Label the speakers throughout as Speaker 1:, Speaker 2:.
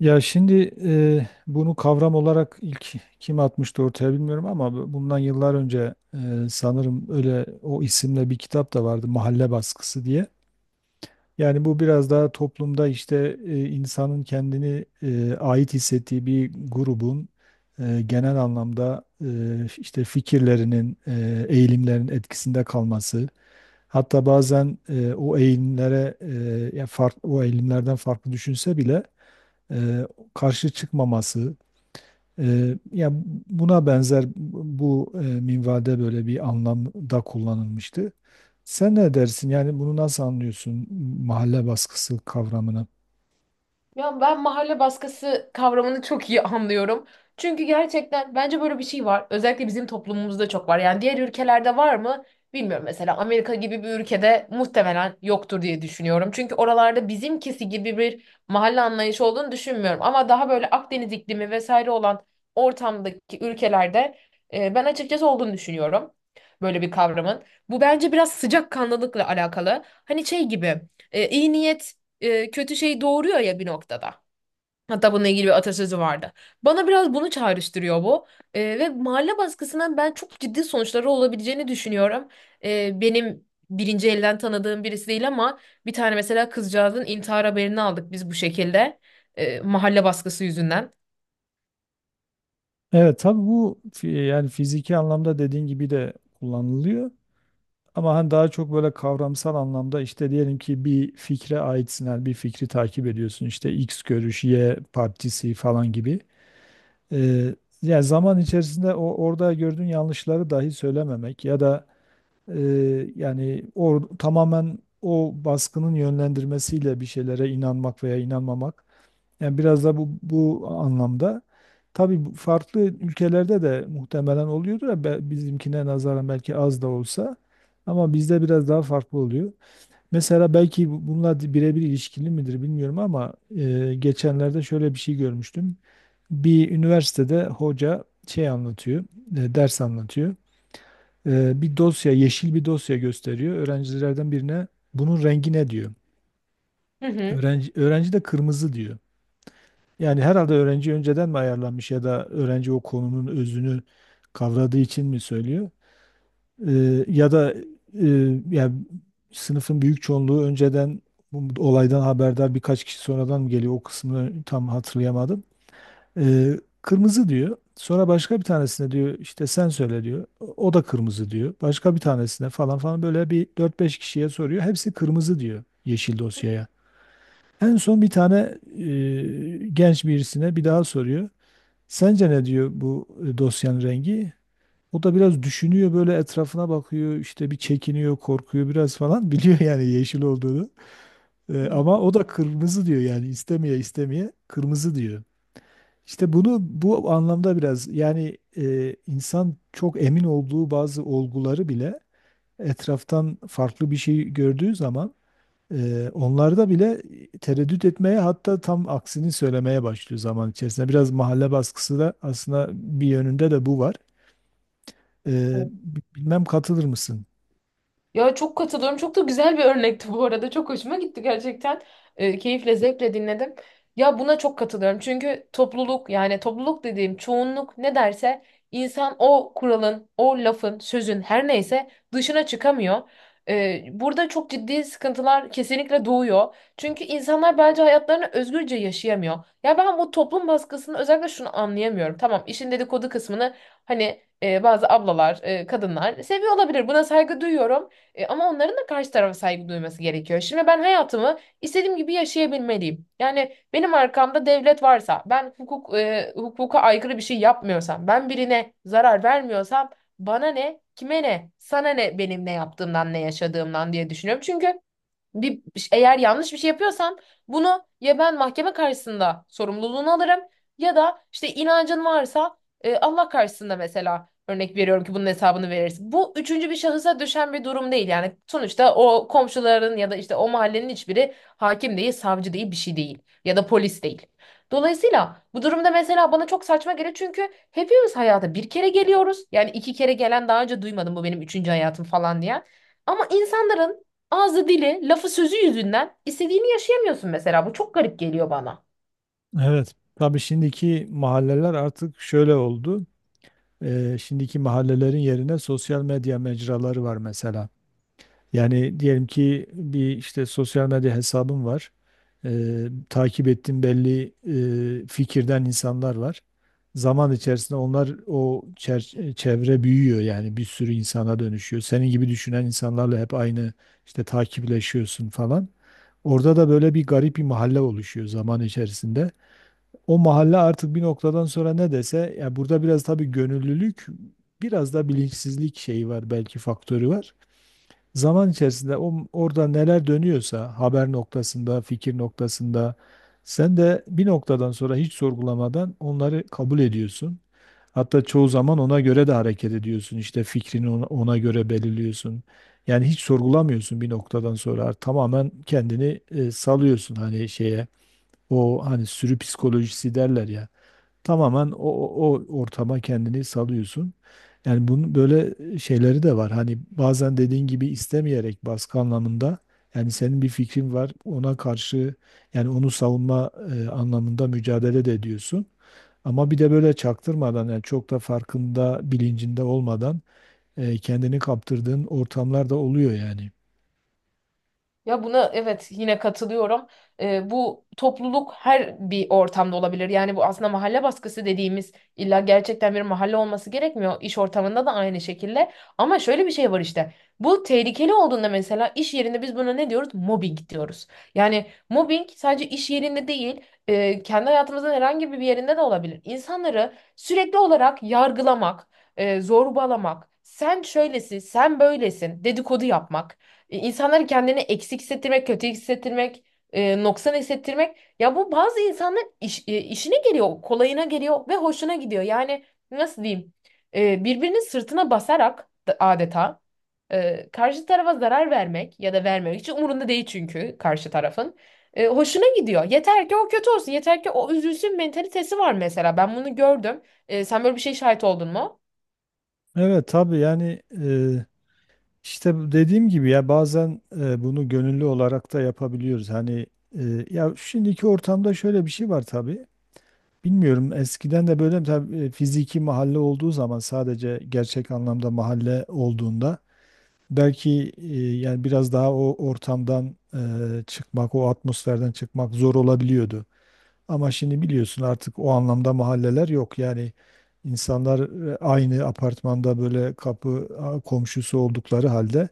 Speaker 1: Ya şimdi bunu kavram olarak ilk kim atmıştı ortaya bilmiyorum ama bundan yıllar önce sanırım öyle o isimle bir kitap da vardı Mahalle Baskısı diye. Yani bu biraz daha toplumda işte insanın kendini ait hissettiği bir grubun genel anlamda işte fikirlerinin, eğilimlerin etkisinde kalması. Hatta bazen o eğilimlere o eğilimlerden farklı düşünse bile e, karşı çıkmaması e, ya buna benzer bu minvalde böyle bir anlamda kullanılmıştı. Sen ne dersin? Yani bunu nasıl anlıyorsun mahalle baskısı kavramını?
Speaker 2: Ya ben mahalle baskısı kavramını çok iyi anlıyorum. Çünkü gerçekten bence böyle bir şey var. Özellikle bizim toplumumuzda çok var. Yani diğer ülkelerde var mı? Bilmiyorum. Mesela Amerika gibi bir ülkede muhtemelen yoktur diye düşünüyorum. Çünkü oralarda bizimkisi gibi bir mahalle anlayışı olduğunu düşünmüyorum. Ama daha böyle Akdeniz iklimi vesaire olan ortamdaki ülkelerde ben açıkçası olduğunu düşünüyorum. Böyle bir kavramın. Bu bence biraz sıcakkanlılıkla alakalı. Hani şey gibi iyi niyet kötü şey doğuruyor ya bir noktada. Hatta bununla ilgili bir atasözü vardı. Bana biraz bunu çağrıştırıyor bu. Ve mahalle baskısının ben çok ciddi sonuçları olabileceğini düşünüyorum. Benim birinci elden tanıdığım birisi değil ama bir tane mesela kızcağızın intihar haberini aldık biz bu şekilde. Mahalle baskısı yüzünden.
Speaker 1: Evet, tabii bu yani fiziki anlamda dediğin gibi de kullanılıyor. Ama hani daha çok böyle kavramsal anlamda işte diyelim ki bir fikre aitsin, yani bir fikri takip ediyorsun. İşte X görüş, Y partisi falan gibi. Eee, Yani zaman içerisinde o orada gördüğün yanlışları dahi söylememek ya da tamamen o baskının yönlendirmesiyle bir şeylere inanmak veya inanmamak. Yani biraz da bu anlamda. Tabii bu farklı ülkelerde de muhtemelen oluyordur ya bizimkine nazaran belki az da olsa, ama bizde biraz daha farklı oluyor. Mesela belki bununla birebir ilişkili midir bilmiyorum ama geçenlerde şöyle bir şey görmüştüm. Bir üniversitede hoca şey anlatıyor, ders anlatıyor. E, bir dosya, yeşil bir dosya gösteriyor. Öğrencilerden birine bunun rengi ne diyor.
Speaker 2: Hı
Speaker 1: Öğrenci de kırmızı diyor. Yani herhalde öğrenci önceden mi ayarlanmış ya da öğrenci o konunun özünü kavradığı için mi söylüyor? E, ya da e, ya sınıfın büyük çoğunluğu önceden bu olaydan haberdar, birkaç kişi sonradan mı geliyor, o kısmını tam hatırlayamadım. Kırmızı diyor. Sonra başka bir tanesine diyor işte sen söyle diyor. O da kırmızı diyor. Başka bir tanesine falan falan, böyle bir dört beş kişiye soruyor. Hepsi kırmızı diyor yeşil dosyaya. En son bir tane genç birisine bir daha soruyor. Sence ne diyor bu dosyanın rengi? O da biraz düşünüyor, böyle etrafına bakıyor, işte bir çekiniyor, korkuyor biraz falan biliyor yani yeşil olduğunu. Ama o da kırmızı diyor, yani istemeye istemeye kırmızı diyor. İşte bunu bu anlamda biraz yani insan çok emin olduğu bazı olguları bile etraftan farklı bir şey gördüğü zaman onlarda bile tereddüt etmeye, hatta tam aksini söylemeye başlıyor zaman içerisinde. Biraz mahalle baskısı da aslında bir yönünde de bu var. E,
Speaker 2: hı.
Speaker 1: Bilmem katılır mısın?
Speaker 2: Ya çok katılıyorum. Çok da güzel bir örnekti bu arada. Çok hoşuma gitti gerçekten. Keyifle, zevkle dinledim. Ya buna çok katılıyorum. Çünkü topluluk yani topluluk dediğim çoğunluk ne derse insan o kuralın, o lafın, sözün her neyse dışına çıkamıyor. Burada çok ciddi sıkıntılar kesinlikle doğuyor. Çünkü insanlar bence hayatlarını özgürce yaşayamıyor. Ya ben bu toplum baskısını özellikle şunu anlayamıyorum. Tamam işin dedikodu kısmını hani bazı ablalar, kadınlar seviyor olabilir. Buna saygı duyuyorum. Ama onların da karşı tarafa saygı duyması gerekiyor. Şimdi ben hayatımı istediğim gibi yaşayabilmeliyim. Yani benim arkamda devlet varsa, ben hukuk hukuka aykırı bir şey yapmıyorsam, ben birine zarar vermiyorsam bana ne, kime ne, sana ne benim ne yaptığımdan, ne yaşadığımdan diye düşünüyorum. Çünkü bir eğer yanlış bir şey yapıyorsam bunu ya ben mahkeme karşısında sorumluluğunu alırım ya da işte inancın varsa Allah karşısında mesela örnek veriyorum ki bunun hesabını verirsin. Bu üçüncü bir şahısa düşen bir durum değil. Yani sonuçta o komşuların ya da işte o mahallenin hiçbiri hakim değil, savcı değil, bir şey değil ya da polis değil. Dolayısıyla bu durumda mesela bana çok saçma geliyor çünkü hepimiz hayata bir kere geliyoruz. Yani iki kere gelen daha önce duymadım bu benim üçüncü hayatım falan diye. Ama insanların ağzı dili, lafı sözü yüzünden istediğini yaşayamıyorsun mesela. Bu çok garip geliyor bana.
Speaker 1: Evet. Tabii şimdiki mahalleler artık şöyle oldu. E, şimdiki mahallelerin yerine sosyal medya mecraları var mesela. Yani diyelim ki bir işte sosyal medya hesabım var. Takip ettiğim belli fikirden insanlar var. Zaman içerisinde onlar çevre büyüyor, yani bir sürü insana dönüşüyor. Senin gibi düşünen insanlarla hep aynı işte takipleşiyorsun falan. Orada da böyle bir garip bir mahalle oluşuyor zaman içerisinde. O mahalle artık bir noktadan sonra ne dese, ya burada biraz tabii gönüllülük, biraz da bilinçsizlik şeyi var, belki faktörü var, zaman içerisinde orada neler dönüyorsa haber noktasında, fikir noktasında sen de bir noktadan sonra hiç sorgulamadan onları kabul ediyorsun. Hatta çoğu zaman ona göre de hareket ediyorsun. İşte fikrini ona göre belirliyorsun. Yani hiç sorgulamıyorsun bir noktadan sonra, tamamen kendini salıyorsun hani şeye. O hani sürü psikolojisi derler ya. Tamamen o ortama kendini salıyorsun. Yani bunun böyle şeyleri de var. Hani bazen dediğin gibi istemeyerek baskı anlamında, yani senin bir fikrin var ona karşı, yani onu savunma anlamında mücadele de ediyorsun. Ama bir de böyle çaktırmadan, yani çok da farkında bilincinde olmadan kendini kaptırdığın ortamlar da oluyor yani.
Speaker 2: Ya buna evet yine katılıyorum. Bu topluluk her bir ortamda olabilir. Yani bu aslında mahalle baskısı dediğimiz illa gerçekten bir mahalle olması gerekmiyor. İş ortamında da aynı şekilde. Ama şöyle bir şey var işte. Bu tehlikeli olduğunda mesela iş yerinde biz buna ne diyoruz? Mobbing diyoruz. Yani mobbing sadece iş yerinde değil, kendi hayatımızın herhangi bir yerinde de olabilir. İnsanları sürekli olarak yargılamak, zorbalamak, sen şöylesin, sen böylesin, dedikodu yapmak. İnsanları kendini eksik hissettirmek, kötü hissettirmek, noksan hissettirmek. Ya bu bazı insanların işine geliyor, kolayına geliyor ve hoşuna gidiyor. Yani nasıl diyeyim? Birbirinin sırtına basarak adeta karşı tarafa zarar vermek ya da vermemek için umurunda değil çünkü karşı tarafın. Hoşuna gidiyor. Yeter ki o kötü olsun, yeter ki o üzülsün mentalitesi var mesela. Ben bunu gördüm. Sen böyle bir şey şahit oldun mu?
Speaker 1: Evet tabii yani işte bu dediğim gibi ya bazen bunu gönüllü olarak da yapabiliyoruz. Hani ya şimdiki ortamda şöyle bir şey var tabii. Bilmiyorum eskiden de böyle mi? Tabii fiziki mahalle olduğu zaman, sadece gerçek anlamda mahalle olduğunda, belki yani biraz daha o ortamdan çıkmak, o atmosferden çıkmak zor olabiliyordu. Ama şimdi biliyorsun artık o anlamda mahalleler yok. Yani insanlar aynı apartmanda böyle komşusu oldukları halde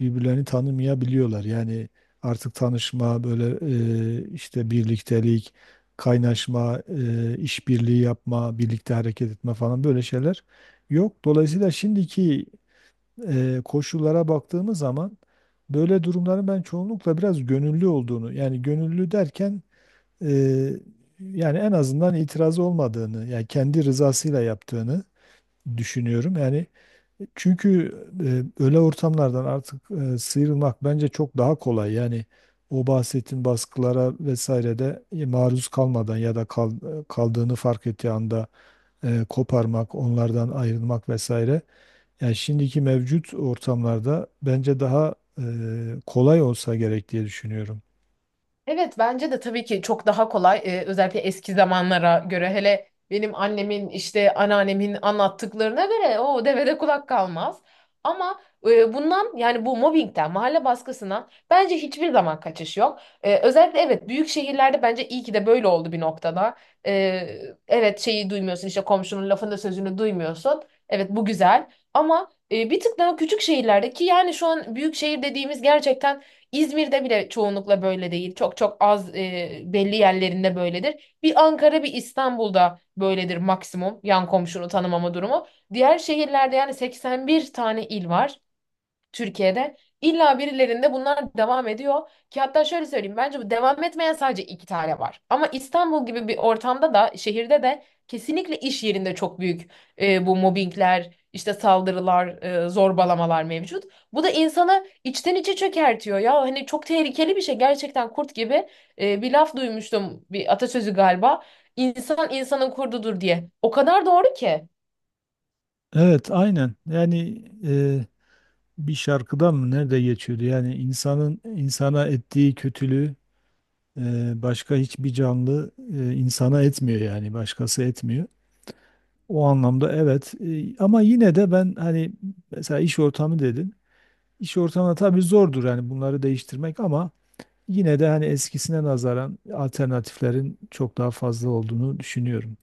Speaker 1: birbirlerini tanımayabiliyorlar. Yani artık tanışma, böyle işte birliktelik, kaynaşma, işbirliği yapma, birlikte hareket etme falan, böyle şeyler yok. Dolayısıyla şimdiki koşullara baktığımız zaman böyle durumların ben çoğunlukla biraz gönüllü olduğunu, yani gönüllü derken e, yani en azından itiraz olmadığını, yani kendi rızasıyla yaptığını düşünüyorum. Yani çünkü öyle ortamlardan artık sıyrılmak bence çok daha kolay. Yani o bahsettiğin baskılara vesaire de maruz kalmadan ya da kaldığını fark ettiği anda koparmak, onlardan ayrılmak vesaire. Yani şimdiki mevcut ortamlarda bence daha kolay olsa gerek diye düşünüyorum.
Speaker 2: Evet bence de tabii ki çok daha kolay. Özellikle eski zamanlara göre hele benim annemin işte anneannemin anlattıklarına göre o devede kulak kalmaz. Ama bundan yani bu mobbingden mahalle baskısından bence hiçbir zaman kaçış yok. Özellikle evet büyük şehirlerde bence iyi ki de böyle oldu bir noktada. Ee, evet şeyi duymuyorsun işte komşunun lafını sözünü duymuyorsun. Evet bu güzel ama bir tık daha küçük şehirlerde ki yani şu an büyük şehir dediğimiz gerçekten İzmir'de bile çoğunlukla böyle değil. Çok çok az belli yerlerinde böyledir. Bir Ankara, bir İstanbul'da böyledir maksimum yan komşunu tanımama durumu. Diğer şehirlerde yani 81 tane il var. Türkiye'de. İlla birilerinde bunlar devam ediyor ki hatta şöyle söyleyeyim bence bu devam etmeyen sadece iki tane var. Ama İstanbul gibi bir ortamda da şehirde de kesinlikle iş yerinde çok büyük bu mobbingler, işte saldırılar, zorbalamalar mevcut. Bu da insanı içten içe çökertiyor ya hani çok tehlikeli bir şey gerçekten kurt gibi bir laf duymuştum bir atasözü galiba. İnsan insanın kurdudur diye. O kadar doğru ki.
Speaker 1: Evet, aynen. Yani bir şarkıda mı nerede geçiyordu? Yani insanın insana ettiği kötülüğü e, başka hiçbir canlı insana etmiyor, yani başkası etmiyor. O anlamda evet. E, ama yine de ben hani mesela iş ortamı dedin. İş ortamı tabii zordur yani bunları değiştirmek, ama yine de hani eskisine nazaran alternatiflerin çok daha fazla olduğunu düşünüyorum.